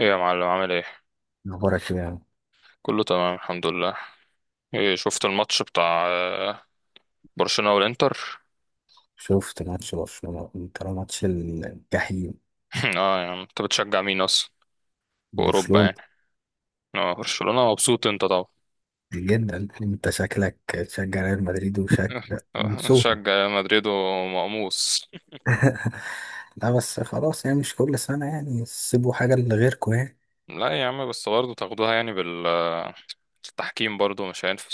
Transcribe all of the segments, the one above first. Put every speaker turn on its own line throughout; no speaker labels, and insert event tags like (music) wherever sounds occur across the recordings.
ايه يا معلم، عامل ايه؟
أخبارك إيه يعني؟
كله تمام، الحمد لله. ايه شفت الماتش بتاع برشلونة والانتر؟
شفت ماتش برشلونة. أنت لو ماتش الجحيم
(laughs) اه، يعني انت بتشجع مين اصلا في اوروبا
برشلونة.
يعني؟ اه، برشلونة، مبسوط انت طبعا.
جدا. أنت شكلك تشجع ريال مدريد وشكل
(laughs)
من صوتك.
شجع مدريد ومقموص.
(laughs) لا بس خلاص يعني مش كل سنة يعني سيبوا حاجة لغيركم يعني.
لا يا عم، بس برضه تاخدوها يعني بال التحكيم برضه مش هينفع.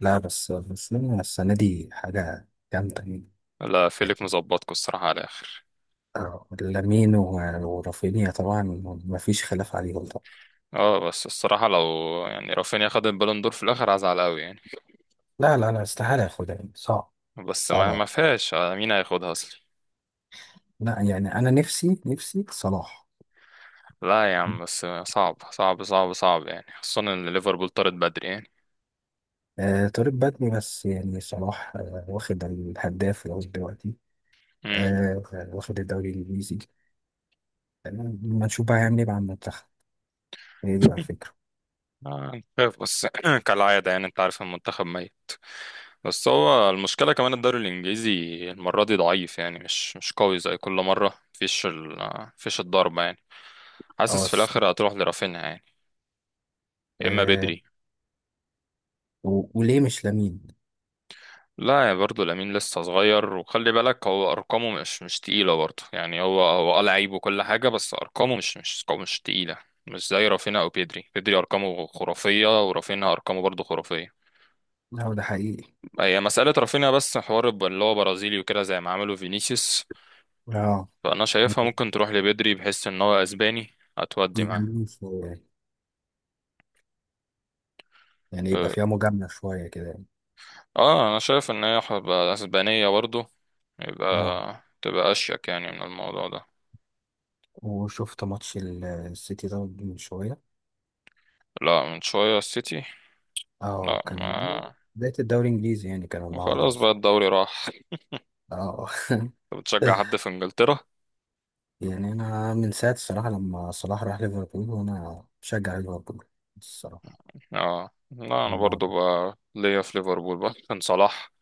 لا بس برشلونة السنة دي حاجة جامدة يعني.
لا، فيليك مظبطكوا الصراحة على الآخر.
لامين ورافينيا طبعا. مفيش خلاف عليهم طبعا.
اه بس الصراحة لو يعني رافينيا خد البالون دور في الآخر هزعل قوي يعني.
لا لا لا، استحالة ياخدها يعني صعب.
بس
صعب
ما
أوي.
ما فيهاش، مين هياخدها؟
لا يعني أنا نفسي صلاح.
لا يا عم، بس صعب صعب صعب صعب يعني، خصوصا ان ليفربول طارت بدري يعني.
آه، طارق بدري، بس يعني صلاح واخد الهداف لغاية دلوقتي.
امم.
آه، واخد الدوري الإنجليزي. آه، ما نشوف بقى هيعمل إيه مع المنتخب. هي دي بقى الفكرة.
خايف بس (clears throat) كالعادة، يعني انت عارف، المنتخب ميت. بس هو المشكلة كمان الدوري الانجليزي المرة دي ضعيف، يعني مش قوي زي كل مرة، مفيش الضربة يعني.
اه.
حاسس في الاخر هتروح لرافينيا يعني، يا اما
آه،
بدري.
وليه مش لامين؟
لا، يا برضه لامين لسه صغير، وخلي بالك هو ارقامه مش تقيله برضه يعني، هو اه لعيب وكل حاجه، بس ارقامه مش تقيله. مش زي رافينا او بيدري ارقامه خرافيه، ورافينا ارقامه برضه خرافيه.
لا ده حقيقي.
هي مساله رافينا بس حوار اللي هو برازيلي وكده، زي ما عملوا فينيسيوس.
اه،
فانا شايفها ممكن تروح لبيدري بحيث ان هو اسباني، هتودي معاه.
يجاملين في، يعني يبقى
اه
فيها مجاملة شوية كده يعني.
انا شايف ان هي هتبقى اسبانيه برضه،
اه،
يبقى تبقى اشيك يعني من الموضوع ده.
وشفت ماتش السيتي ده من شوية.
لا من شويه السيتي،
اه
لا
كان
ما،
بداية الدوري الإنجليزي يعني، كان النهاردة
وخلاص بقى
أصلا.
الدوري راح.
اه.
أنت بتشجع
(laughs)
حد في انجلترا؟
يعني انا من ساعه الصراحه لما صلاح راح ليفربول وانا بشجع ليفربول الصراحه.
اه لا، انا برضو
الموضوع
بقى ليا في ليفربول بقى كان صلاح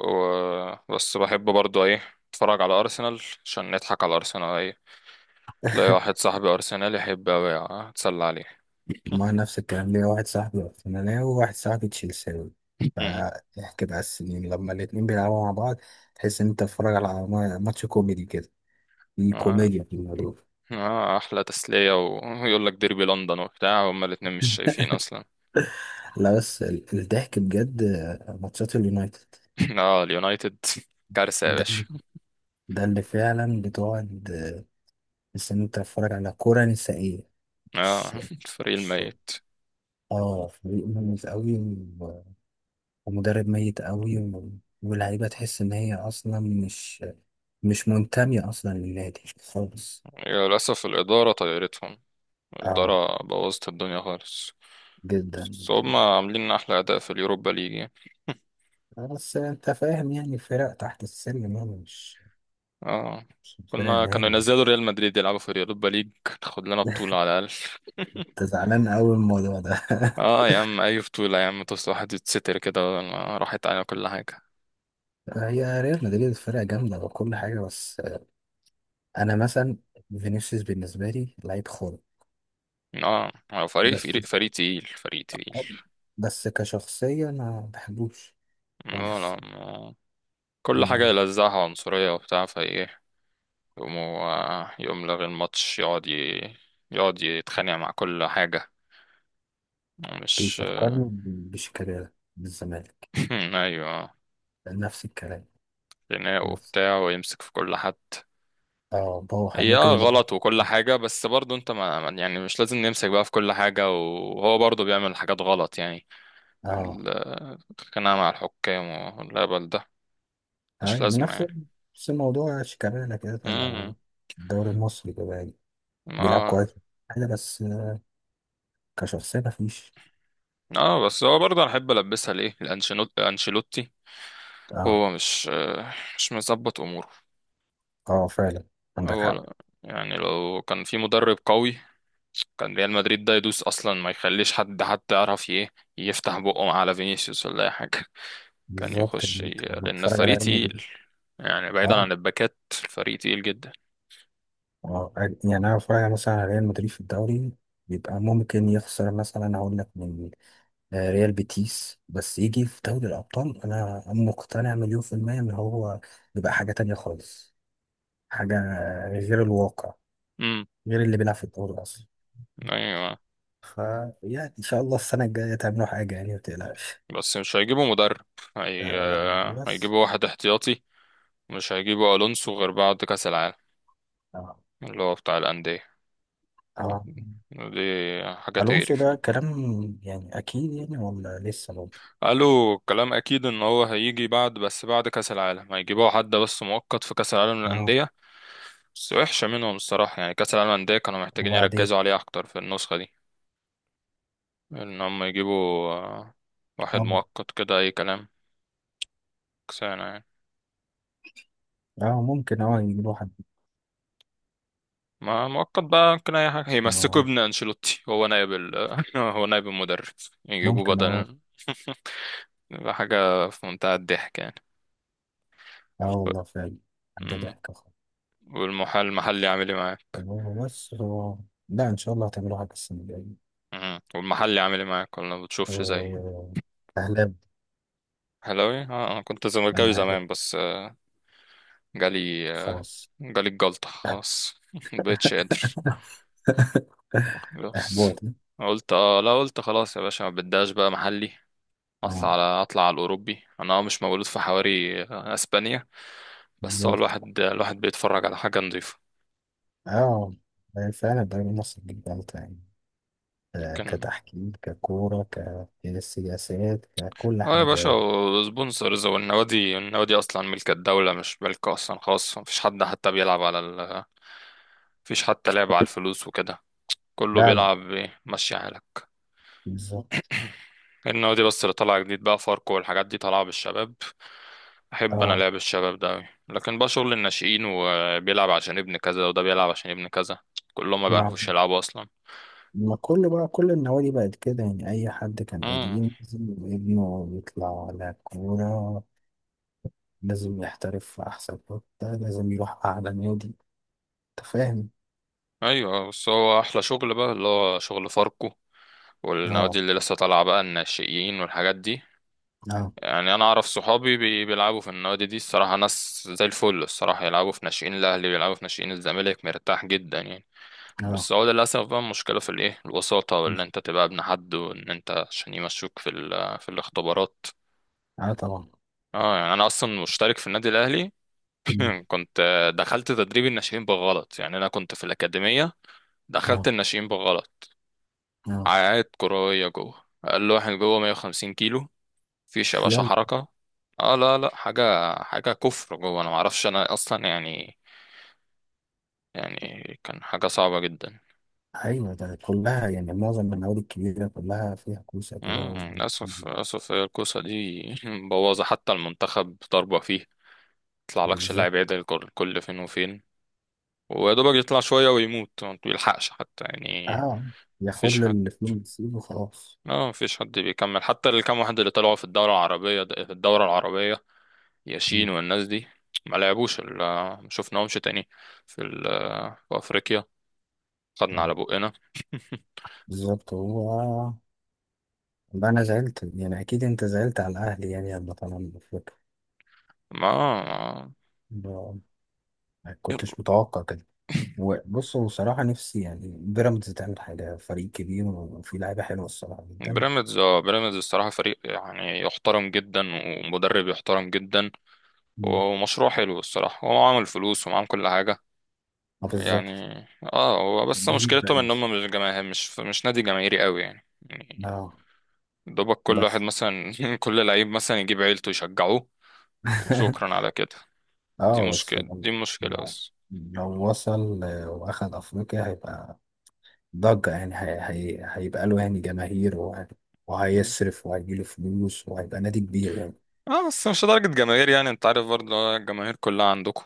و... بس بحب برضو ايه، اتفرج على ارسنال عشان نضحك على ارسنال، ايه، تلاقي واحد صاحبي ارسنال يحب اوي، اتسلى عليه.
ما نفس الكلام، ليا واحد صاحبي ارسنالي وواحد صاحبي تشيلساوي،
مم.
فاحكي بقى السنين لما الاتنين بيلعبوا مع بعض. تحس ان انت بتتفرج على ماتش كوميدي كده، في
اه،
كوميديا في الموضوع.
اه احلى تسلية ويقول لك ديربي لندن وبتاع، هما الاتنين مش شايفين اصلا.
لا بس الضحك بجد ماتشات اليونايتد.
(laughs) اه اليونايتد، كارثة يا
ده
باشا.
ده اللي فعلا بتقعد، تحس ان انت بتتفرج على كرة نسائية.
اه
مش
(laughs) الفريق
مش-
الميت.
اه، فريق مميز قوي، ومدرب ميت قوي، واللعيبة تحس إن هي أصلا مش منتمية أصلا للنادي خالص.
للأسف الإدارة طيرتهم،
اه،
الإدارة بوظت الدنيا خالص.
جدا
بس
جدا.
هم عاملين أحلى أداء في اليوروبا ليج يعني.
بس انت فاهم يعني فرق تحت السلم يعني مش
اه
مش الفرق
كنا
اللي هي.
كانوا ينزلوا ريال مدريد يلعبوا في اليوروبا ليج، تاخد لنا بطولة
(laughs)
على الأقل.
انت زعلان قوي من الموضوع ده.
(laughs) اه يا عم، أي بطولة يا عم تصل، واحد يتستر كده بدل ما راحت على كل حاجة.
(laughs) هي ريال مدريد فرقة جامدة وكل حاجة، بس أنا مثلا فينيسيوس بالنسبة لي لعيب خالص،
اه هو فريق
بس
فريق تقيل، فريق تقيل.
بس كشخصية ما بحبوش
لا لا،
خالص.
كل حاجة يلزقها عنصرية وبتاع فايه، يقوم لغي الماتش، يقعد يقعد يتخانق مع كل حاجة، مش.
بيفكرني بشيكابالا من الزمالك،
(laughs) ايوه،
نفس الكلام.
خناق
نفس
وبتاع ويمسك في كل حد.
اه بوح
هي
ممكن
اه
يبقى.
غلط وكل حاجة، بس برضه انت يعني مش لازم نمسك بقى في كل حاجة، وهو برضه بيعمل حاجات غلط يعني.
اه
ال- الخناقة مع الحكام والهبل ده مش
ايوه، من
لازمة
نفس
يعني.
نفس الموضوع شيكابالا كده، كان
امم.
لو الدوري المصري كده يعني بيلعب كويس
اه
حاجة، بس كشخصية مفيش.
اه بس هو برضه انا احب البسها ليه، الانشيلوتي، الانشيلوتي
اه
هو مش مش مظبط اموره.
اه، فعلا عندك
هو
حق.
يعني لو كان في مدرب قوي، كان ريال مدريد ده يدوس اصلا، ما يخليش حد حتى يعرف ايه، يفتح بقه على فينيسيوس ولا اي حاجة. كان
بالظبط،
يخش
يعني انت لما
لأن
بتتفرج على
الفريق
ريال مدريد.
تقيل يعني، بعيدا
اه
عن الباكات، الفريق تقيل جدا.
اه، يعني انا بتفرج مثلا على ريال مدريد في الدوري بيبقى ممكن يخسر مثلا، هقول لك من ريال بيتيس، بس يجي في دوري الأبطال أنا مقتنع مليون في المية إن هو بيبقى حاجة تانية خالص، حاجة غير الواقع،
امم.
غير اللي بيلعب في الدوري أصلا.
ايوه
فيعني إن شاء الله السنة الجاية تعملوا حاجة يعني متقلقش.
بس مش هيجيبوا مدرب، هي...
آه بس.
هيجيبوا واحد احتياطي، مش هيجيبوا الونسو غير بعد كاس العالم،
آه.
اللي هو بتاع الانديه،
آه.
دي حاجه
ألونسو
تقرف
ده
يعني.
كلام يعني؟ أكيد يعني، ولا لسه برضه؟
قالوا كلام اكيد ان هو هيجي بعد، بس بعد كاس العالم هيجيبوا حد بس مؤقت في كاس العالم
أه
للانديه. بس وحشه منهم الصراحه يعني، كاس العالم للانديه كانوا محتاجين
وبعدين.
يركزوا عليه اكتر في النسخه دي، ان هم يجيبوا واحد
أه
مؤقت كده اي كلام، كسانة يعني.
أه ممكن يجيبوا حد.
ما مؤقت بقى ممكن اي حاجة، يمسكوا
آه،
ابن انشيلوتي، هو نائب (laughs) هو نائب المدرب، يجيبوا
ممكن. أه
بدل (laughs) يبقى حاجة في منتهى الضحك يعني.
أه والله فعلا، حاجة
مم.
ضحكة.
المحلي عامل ايه معاك؟
والله بس هو، لا إن شاء الله هتعملوا حاجة السنة الجاية.
مم. والمحلي عامل ايه معاك؟ ولا ما بتشوفش زي
آه، أهلاب.
حلاوي؟ اه انا كنت زملكاوي
أنا أهلاب،
زمان بس جالي آه،
خلاص.
جالي الجلطة خلاص. (laughs) مبقتش قادر،
(laughs)
خلاص.
إحباط.
قلت اه لا، قلت خلاص يا باشا، ما بداش بقى محلي.
أه
اطلع على الاوروبي، انا آه مش مولود في حواري اسبانيا. بس هو
بالظبط.
الواحد بيتفرج على حاجه نظيفه،
أه فعلا الدوري المصري جدا يعني،
كان
كتحكيم، ككورة، كسياسات، ككل
اه يا باشا.
حاجة.
سبونسرز والنوادي اصلا ملك الدوله، مش ملك اصلا خاص، مفيش حد حتى بيلعب على مفيش حتى لعب على الفلوس وكده، كله
لا لا،
بيلعب إيه، ماشي حالك. (clears throat)
بالظبط.
(coughs) النوادي بس اللي طالعه جديد بقى فاركو والحاجات دي طالعه بالشباب، احب انا
أه،
لعب الشباب ده أوي. لكن بقى شغل الناشئين، وبيلعب عشان ابن كذا، وده بيلعب عشان ابن كذا، كلهم ما
ما
بيعرفوش يلعبوا اصلا.
ما كل بقى كل النوادي بقت كده يعني، أي حد كان
امم،
قديم لازم ابنه يطلع على كورة، لازم يحترف في أحسن حتة، لازم يروح أعلى نادي. أنت فاهم؟
ايوه، بس هو احلى شغل بقى اللي هو شغل فاركو،
آه.
والنوادي اللي لسه طالعه بقى الناشئين والحاجات دي.
آه.
يعني انا اعرف صحابي بيلعبوا في النوادي دي، الصراحه ناس زي الفل، الصراحه يلعبوا في ناشئين الاهلي، بيلعبوا في ناشئين الزمالك، مرتاح جدا يعني.
آه.
بس هو للاسف بقى، المشكله في الايه الوساطه، وان انت تبقى ابن حد، وان انت عشان يمشوك في في الاختبارات.
آه طبعا.
اه يعني انا اصلا مشترك في النادي الاهلي.
مم.
(laughs) (clears throat) كنت دخلت تدريب الناشئين بالغلط، يعني انا كنت في الاكاديميه، دخلت
آه.
الناشئين بالغلط.
آه.
عقاد كروية جوه، أقل واحد جوه 150 كيلو، مفيش يا باشا
يلا.
حركة. اه لا لا، حاجة حاجة كفر جوه، أنا معرفش أنا أصلا يعني كان حاجة صعبة جدا.
أيوة، ده كلها يعني معظم النوادي الكبيرة كلها فيها كوسة كده
مم، للأسف للأسف هي الكوسة دي (laughs) مبوظة حتى المنتخب ضربة فيه. يطلع لكش
بالظبط.
لاعب يعدل كل فين وفين. ويا دوبك يطلع شوية ويموت، ما بيلحقش حتى يعني.
آه، ياخد
مفيش
له
حد
اللي فيه ويسيبه خلاص.
اه مفيش حد بيكمل حتى، الكام واحد اللي طلعوا في الدورة العربية في الدورة العربية. ياسين
مم.
والناس دي، ما لعبوش ما شفناهمش تاني في في افريقيا، خدنا على
آه
بقنا. (laughs)
بالظبط هو. ده أنا زعلت، يعني أكيد أنت زعلت على الأهلي يعني لما طلع من أفريقيا.
ما ما-
ما ما
يلا.
كنتش متوقع كده. هو بص، هو صراحة نفسي يعني بيراميدز تعمل حاجة، فريق كبير وفيه لعيبة حلوة الصراحة
(laughs)
جدا.
بيراميدز اه، بيراميدز الصراحة فريق يعني يحترم جدا، ومدرب يحترم جدا،
مم.
ومشروع حلو الصراحة، هو عامل فلوس ومعامل كل حاجة
اه بالظبط،
يعني. اه هو بس
بيني
مشكلتهم ان
بيراميدز.
هم مش جماهير، مش نادي جماهيري قوي يعني يعني.
اه
دوبك كل واحد
بس.
مثلا (laughs) كل لعيب مثلا يجيب عيلته يشجعوه، وشكرا
(laughs)
على كده. دي
اه
مشكلة،
بس
دي
لو
مشكلة بس.
لو وصل واخد افريقيا هيبقى ضجة يعني، هي هيبقى له يعني جماهير،
مم.
وهيصرف وهيجيله فلوس وهيبقى نادي كبير يعني.
اه بس مش لدرجة جماهير، يعني انت عارف برضه، اللي هو الجماهير كلها عندكم،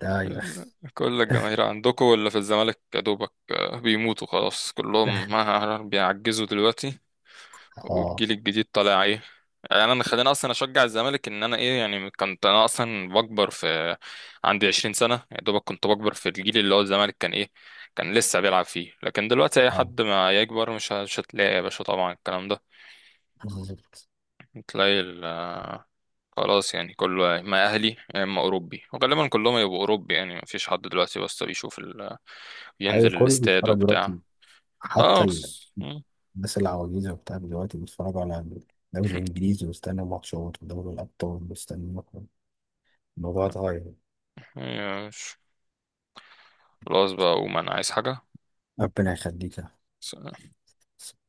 ده ي-
كل الجماهير عندكم، واللي في الزمالك يا دوبك بيموتوا خلاص كلهم،
(laughs)
ما بيعجزوا دلوقتي.
اه
والجيل الجديد طالع ايه. يعني انا خليني اصلا اشجع الزمالك ان انا ايه يعني، كنت انا اصلا بكبر في، عندي 20 سنة يا دوبك، كنت بكبر في الجيل اللي هو الزمالك كان ايه، كان لسه بيلعب فيه، لكن دلوقتي اي
اه،
حد ما يكبر مش مش هتلاقي يا باشا طبعا الكلام ده.
بالظبط.
تلاقي خلاص يعني، كله يا اما اهلي يا اما اوروبي، وغالبا كلهم يبقوا اوروبي يعني، مفيش حد دلوقتي بس بيشوف
ايوه
ينزل
كله
الاستاد
بيتفرج
وبتاع.
دلوقتي، حتى
اه خلاص (laughs)
الناس العواجيزة وبتاع دلوقتي بيتفرجوا على الدوري الإنجليزي ويستنوا ماتشات ودوري الأبطال ويستنوا. الموضوع اتغير.
ماشي. خلاص بقى اقوم، انا عايز حاجة.
ربنا يخليك يا أحمد.